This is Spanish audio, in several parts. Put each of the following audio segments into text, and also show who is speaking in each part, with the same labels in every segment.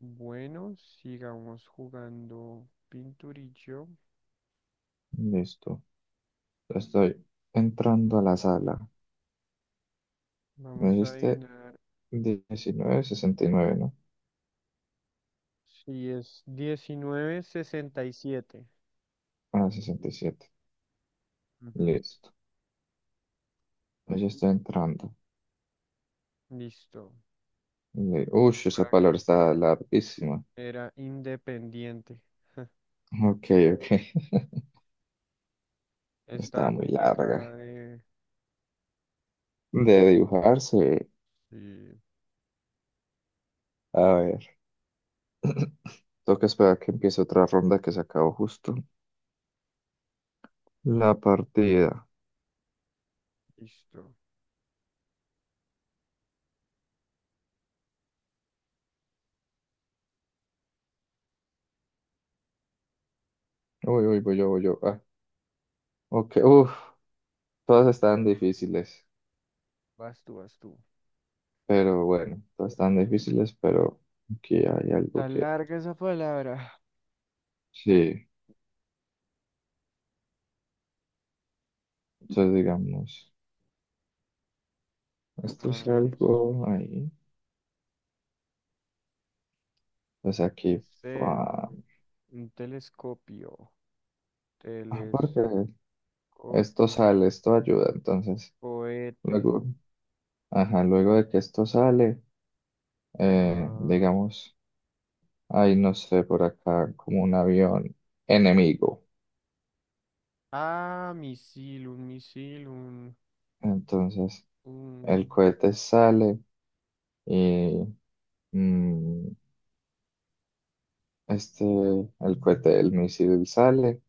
Speaker 1: Bueno, sigamos jugando pinturillo.
Speaker 2: Listo. Estoy entrando a la sala. Me
Speaker 1: Vamos a
Speaker 2: dijiste
Speaker 1: adivinar
Speaker 2: 1969, ¿no?
Speaker 1: si es 1967.
Speaker 2: Ah, 67.
Speaker 1: Ujú.
Speaker 2: Listo. Pues ya estoy entrando.
Speaker 1: Listo.
Speaker 2: Uy, esa palabra está larguísima.
Speaker 1: Era independiente.
Speaker 2: Ok, ok.
Speaker 1: Estaba
Speaker 2: Está muy larga.
Speaker 1: complicada de...
Speaker 2: De dibujarse.
Speaker 1: Sí,
Speaker 2: A ver. Toca esperar que empiece otra ronda que se acabó justo. La partida.
Speaker 1: listo.
Speaker 2: Uy, uy, voy yo, voy yo. Ah, ok. Uf, todas están difíciles.
Speaker 1: Vas tú.
Speaker 2: Pero bueno, todas están difíciles, pero aquí hay algo
Speaker 1: Está
Speaker 2: que...
Speaker 1: larga esa palabra.
Speaker 2: Sí, entonces digamos, esto
Speaker 1: A
Speaker 2: es
Speaker 1: ver, es un
Speaker 2: algo ahí, pues aquí, ah,
Speaker 1: deseo, un telescopio,
Speaker 2: ah,
Speaker 1: telescopio,
Speaker 2: porque esto sale, esto ayuda, entonces,
Speaker 1: cohete.
Speaker 2: luego, ajá, luego de que esto sale,
Speaker 1: Ah,
Speaker 2: digamos, ahí no sé, por acá, como un avión enemigo,
Speaker 1: Misil,
Speaker 2: entonces, el
Speaker 1: un,
Speaker 2: cohete sale y mm, este, el cohete, el misil sale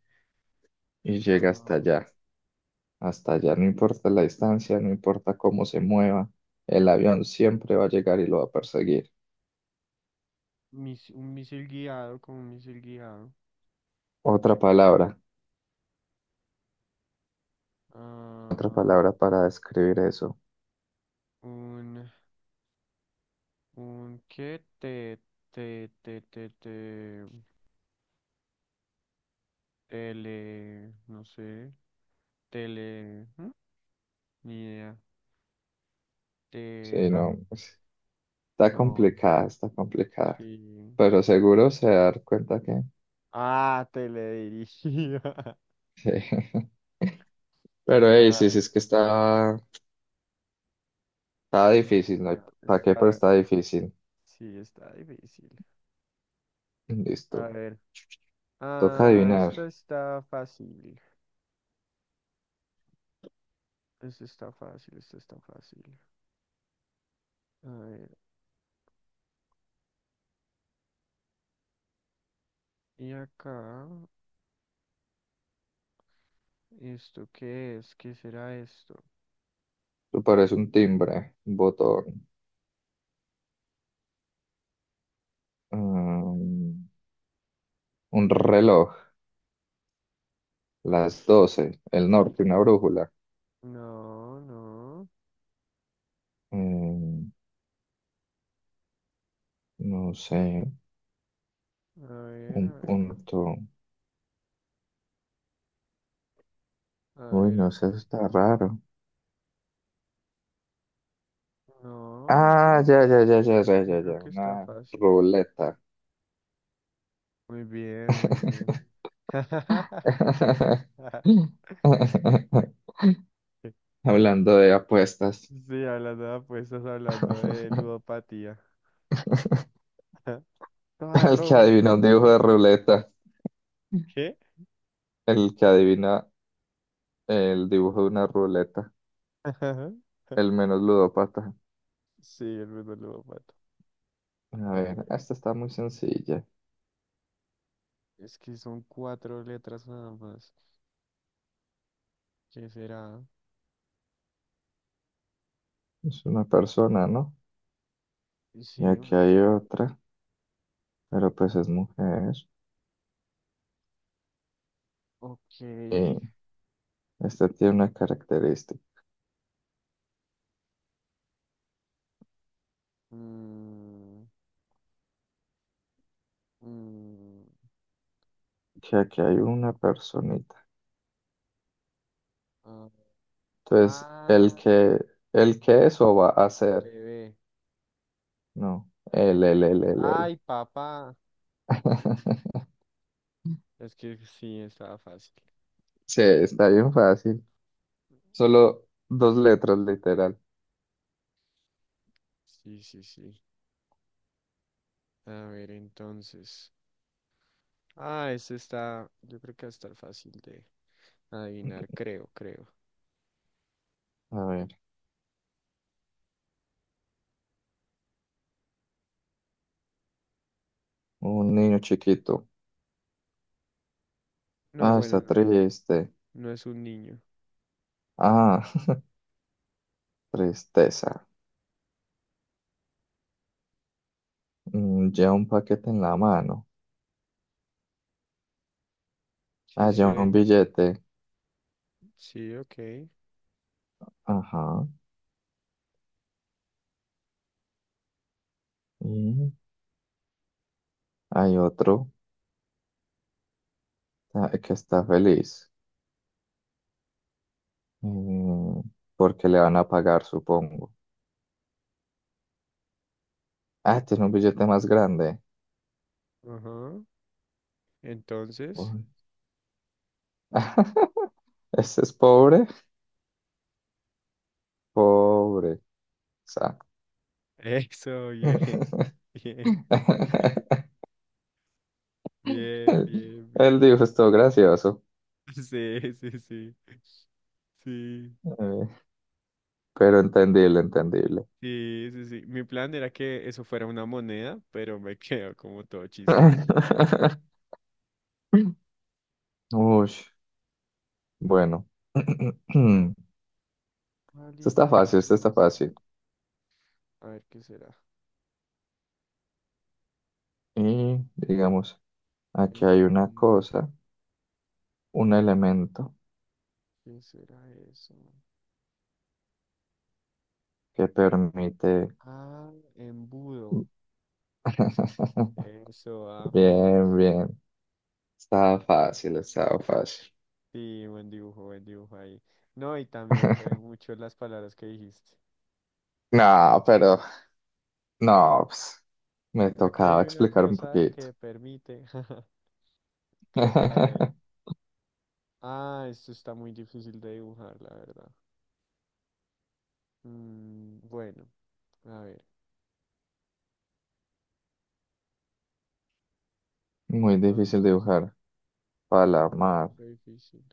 Speaker 2: y llega hasta
Speaker 1: ah,
Speaker 2: allá. Hasta allá no importa la distancia, no importa cómo se mueva, el avión siempre va a llegar y lo va a perseguir.
Speaker 1: mis- un misil guiado, como un misil guiado.
Speaker 2: Otra palabra, otra
Speaker 1: Ah,
Speaker 2: palabra para describir eso.
Speaker 1: un, ¿Qué? Te, te, te, te, tele, no sé, tele, ¿hmm? Ni idea.
Speaker 2: Sí,
Speaker 1: Teja,
Speaker 2: no, está
Speaker 1: no,
Speaker 2: complicada, está complicada.
Speaker 1: sí.
Speaker 2: Pero seguro se va a dar cuenta que...
Speaker 1: Ah, teledirigida.
Speaker 2: Sí. Pero hey, sí,
Speaker 1: Nada,
Speaker 2: sí, es que está, está
Speaker 1: sí,
Speaker 2: difícil, no hay para qué, pero está difícil.
Speaker 1: sí, está difícil. A
Speaker 2: Listo.
Speaker 1: ver.
Speaker 2: Toca
Speaker 1: Ah,
Speaker 2: adivinar.
Speaker 1: esta está fácil. Esta está fácil. A ver, y acá, ¿esto qué es? ¿Qué será esto?
Speaker 2: Tú pareces un timbre, un botón, mm, un reloj, las 12, el norte, una brújula.
Speaker 1: No, no.
Speaker 2: Mm, no sé,
Speaker 1: A ver, a
Speaker 2: un
Speaker 1: ver,
Speaker 2: punto.
Speaker 1: a
Speaker 2: Uy,
Speaker 1: ver, a
Speaker 2: no sé,
Speaker 1: ver.
Speaker 2: eso está raro.
Speaker 1: No,
Speaker 2: Ah,
Speaker 1: no.
Speaker 2: ya, ya, ya, ya, ya,
Speaker 1: Yo
Speaker 2: ya,
Speaker 1: creo
Speaker 2: ya,
Speaker 1: que está
Speaker 2: una
Speaker 1: fácil.
Speaker 2: ruleta.
Speaker 1: Muy bien, muy bien.
Speaker 2: Hablando de apuestas,
Speaker 1: Sí, hablando de apuestas, hablando de ludopatía. Todo
Speaker 2: el que
Speaker 1: rojo,
Speaker 2: adivina un
Speaker 1: todo
Speaker 2: dibujo de
Speaker 1: rojo.
Speaker 2: ruleta,
Speaker 1: ¿Qué?
Speaker 2: el que adivina el dibujo de una ruleta, el menos ludópata.
Speaker 1: Sí, el mismo ludópata.
Speaker 2: A
Speaker 1: A.
Speaker 2: ver, esta está muy sencilla.
Speaker 1: Es que son cuatro letras nada más. ¿Qué será?
Speaker 2: Es una persona, ¿no? Y
Speaker 1: Sí,
Speaker 2: aquí
Speaker 1: una
Speaker 2: hay
Speaker 1: persona.
Speaker 2: otra, pero pues es mujer.
Speaker 1: Ok.
Speaker 2: Este tiene una característica,
Speaker 1: Mm, mm,
Speaker 2: que aquí hay una personita.
Speaker 1: ah,
Speaker 2: Entonces,
Speaker 1: ah,
Speaker 2: el que eso va a hacer,
Speaker 1: bebé.
Speaker 2: no, el.
Speaker 1: Ay, papá. Es que sí, estaba fácil.
Speaker 2: Sí, está bien fácil. Solo dos letras, literal.
Speaker 1: Sí, sí, sí. A ver, entonces. Ah, este está, yo creo que va a estar fácil de adivinar, creo, creo.
Speaker 2: A ver, un niño chiquito.
Speaker 1: No,
Speaker 2: Ah,
Speaker 1: bueno,
Speaker 2: está
Speaker 1: no,
Speaker 2: triste.
Speaker 1: no es un niño.
Speaker 2: Ah, tristeza. Mm, lleva un paquete en la mano.
Speaker 1: Sí,
Speaker 2: Ah, lleva un
Speaker 1: sé,
Speaker 2: billete.
Speaker 1: sí, ok.
Speaker 2: Ajá. Y hay otro, ah, que está feliz. Mm, porque le van a pagar, supongo. Ah, tiene un billete más grande.
Speaker 1: Ajá. Entonces,
Speaker 2: Uy. Ese es pobre. Pobre. Exacto.
Speaker 1: eso, bien. Bien, bien,
Speaker 2: El,
Speaker 1: bien, bien.
Speaker 2: el dibujo estuvo gracioso,
Speaker 1: Sí, sí, sí. Sí,
Speaker 2: eh, pero entendible, entendible.
Speaker 1: sí, sí, sí. Mi plan era que eso fuera una moneda, pero me quedo como todo chiste.
Speaker 2: Uy, bueno. Esto está
Speaker 1: Maldita
Speaker 2: fácil, esto está
Speaker 1: pobreza.
Speaker 2: fácil.
Speaker 1: A ver, ¿qué será?
Speaker 2: Y digamos, aquí hay
Speaker 1: Eso
Speaker 2: una
Speaker 1: es.
Speaker 2: cosa, un elemento
Speaker 1: ¿Qué será eso?
Speaker 2: que permite...
Speaker 1: Ah, embudo. Eso, vamos.
Speaker 2: Bien, bien. Estaba fácil, estaba fácil.
Speaker 1: Sí, buen dibujo ahí. No, y también fue mucho las palabras que dijiste.
Speaker 2: No, pero no, pues, me
Speaker 1: Aquí hay
Speaker 2: tocaba
Speaker 1: una
Speaker 2: explicar un
Speaker 1: cosa
Speaker 2: poquito.
Speaker 1: que permite. A ver. Ah, esto está muy difícil de dibujar, la verdad. Bueno, a ver,
Speaker 2: Muy difícil
Speaker 1: entonces,
Speaker 2: dibujar.
Speaker 1: un
Speaker 2: Palamar,
Speaker 1: poco difícil.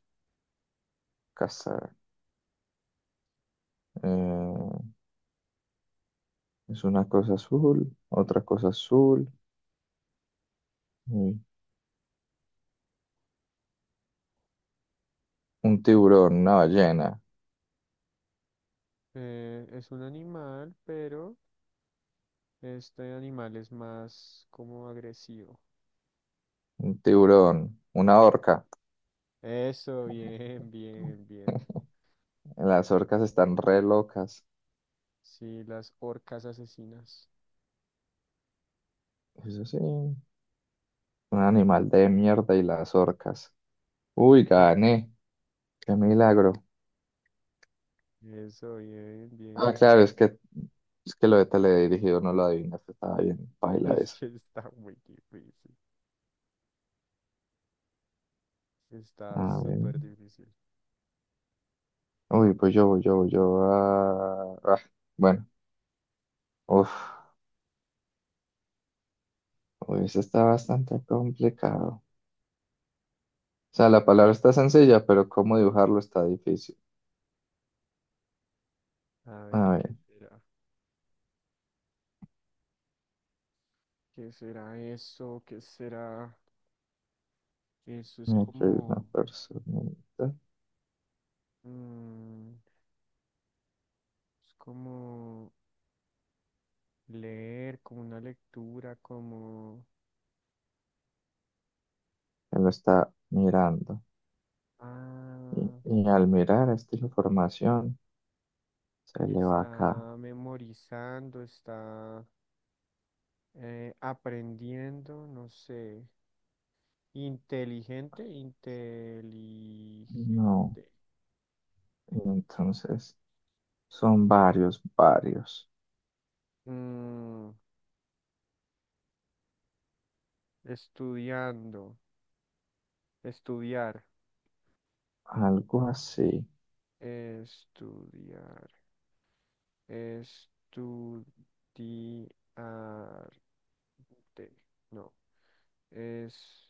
Speaker 2: casa. eh, es una cosa azul, otra cosa azul. Mm, un tiburón, una ballena,
Speaker 1: Es un animal, pero este animal es más como agresivo.
Speaker 2: un tiburón, una orca.
Speaker 1: Eso, bien, bien, bien.
Speaker 2: Las orcas están re locas.
Speaker 1: Sí, las orcas asesinas.
Speaker 2: Eso sí, un animal de mierda y las orcas. Uy, gané. Qué milagro.
Speaker 1: Eso, bien,
Speaker 2: Ah,
Speaker 1: bien.
Speaker 2: claro, es que lo de teledirigido no lo adivinaste, estaba bien, paila
Speaker 1: Es
Speaker 2: esa.
Speaker 1: que está muy difícil. Está
Speaker 2: A ver.
Speaker 1: súper difícil.
Speaker 2: Uy, pues yo, voy yo, voy yo. Ah, ah, bueno, uf, uy, eso está bastante complicado. O sea, la palabra está sencilla, pero cómo dibujarlo está difícil.
Speaker 1: A
Speaker 2: A
Speaker 1: ver, ¿qué
Speaker 2: ver,
Speaker 1: será? ¿Qué será eso? ¿Qué será? Eso es
Speaker 2: aquí hay una
Speaker 1: como,
Speaker 2: personita
Speaker 1: mm, es como leer, como una lectura, como,
Speaker 2: que lo está mirando.
Speaker 1: ah,
Speaker 2: Y al mirar esta información, se le va acá.
Speaker 1: está memorizando, está aprendiendo, no sé, inteligente,
Speaker 2: No,
Speaker 1: inteligente,
Speaker 2: y entonces son varios, varios.
Speaker 1: mm, estudiando, estudiar,
Speaker 2: Algo así.
Speaker 1: estudiar, estudiar. Te- No, es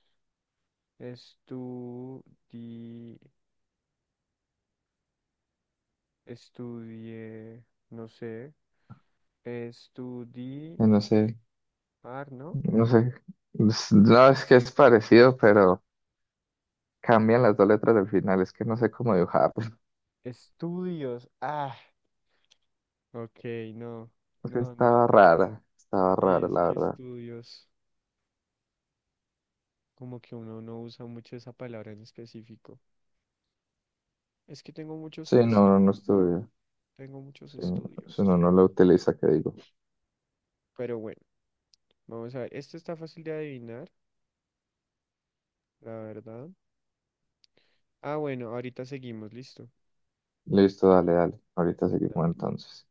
Speaker 1: estudi, estudie, no sé, estudiar,
Speaker 2: No sé,
Speaker 1: ¿no?
Speaker 2: no sé. Es- No es que es parecido, pero cambian las dos letras del final. Es que no sé cómo dibujar.
Speaker 1: Estudios, ah, ok, no,
Speaker 2: Porque
Speaker 1: no, ni,
Speaker 2: estaba
Speaker 1: sí,
Speaker 2: rara,
Speaker 1: es
Speaker 2: la
Speaker 1: que
Speaker 2: verdad.
Speaker 1: estudios, como que uno no usa mucho esa palabra en específico. Es que tengo muchos
Speaker 2: Sí, no, no,
Speaker 1: estudios,
Speaker 2: no estuve.
Speaker 1: tengo muchos
Speaker 2: Sí, si
Speaker 1: estudios.
Speaker 2: uno no lo
Speaker 1: Ujú.
Speaker 2: utiliza, ¿qué digo?
Speaker 1: Pero bueno, vamos a ver, este está fácil de adivinar, la verdad. Ah, bueno, ahorita seguimos, listo.
Speaker 2: Listo, dale, dale. Ahorita
Speaker 1: Dale.
Speaker 2: seguimos entonces.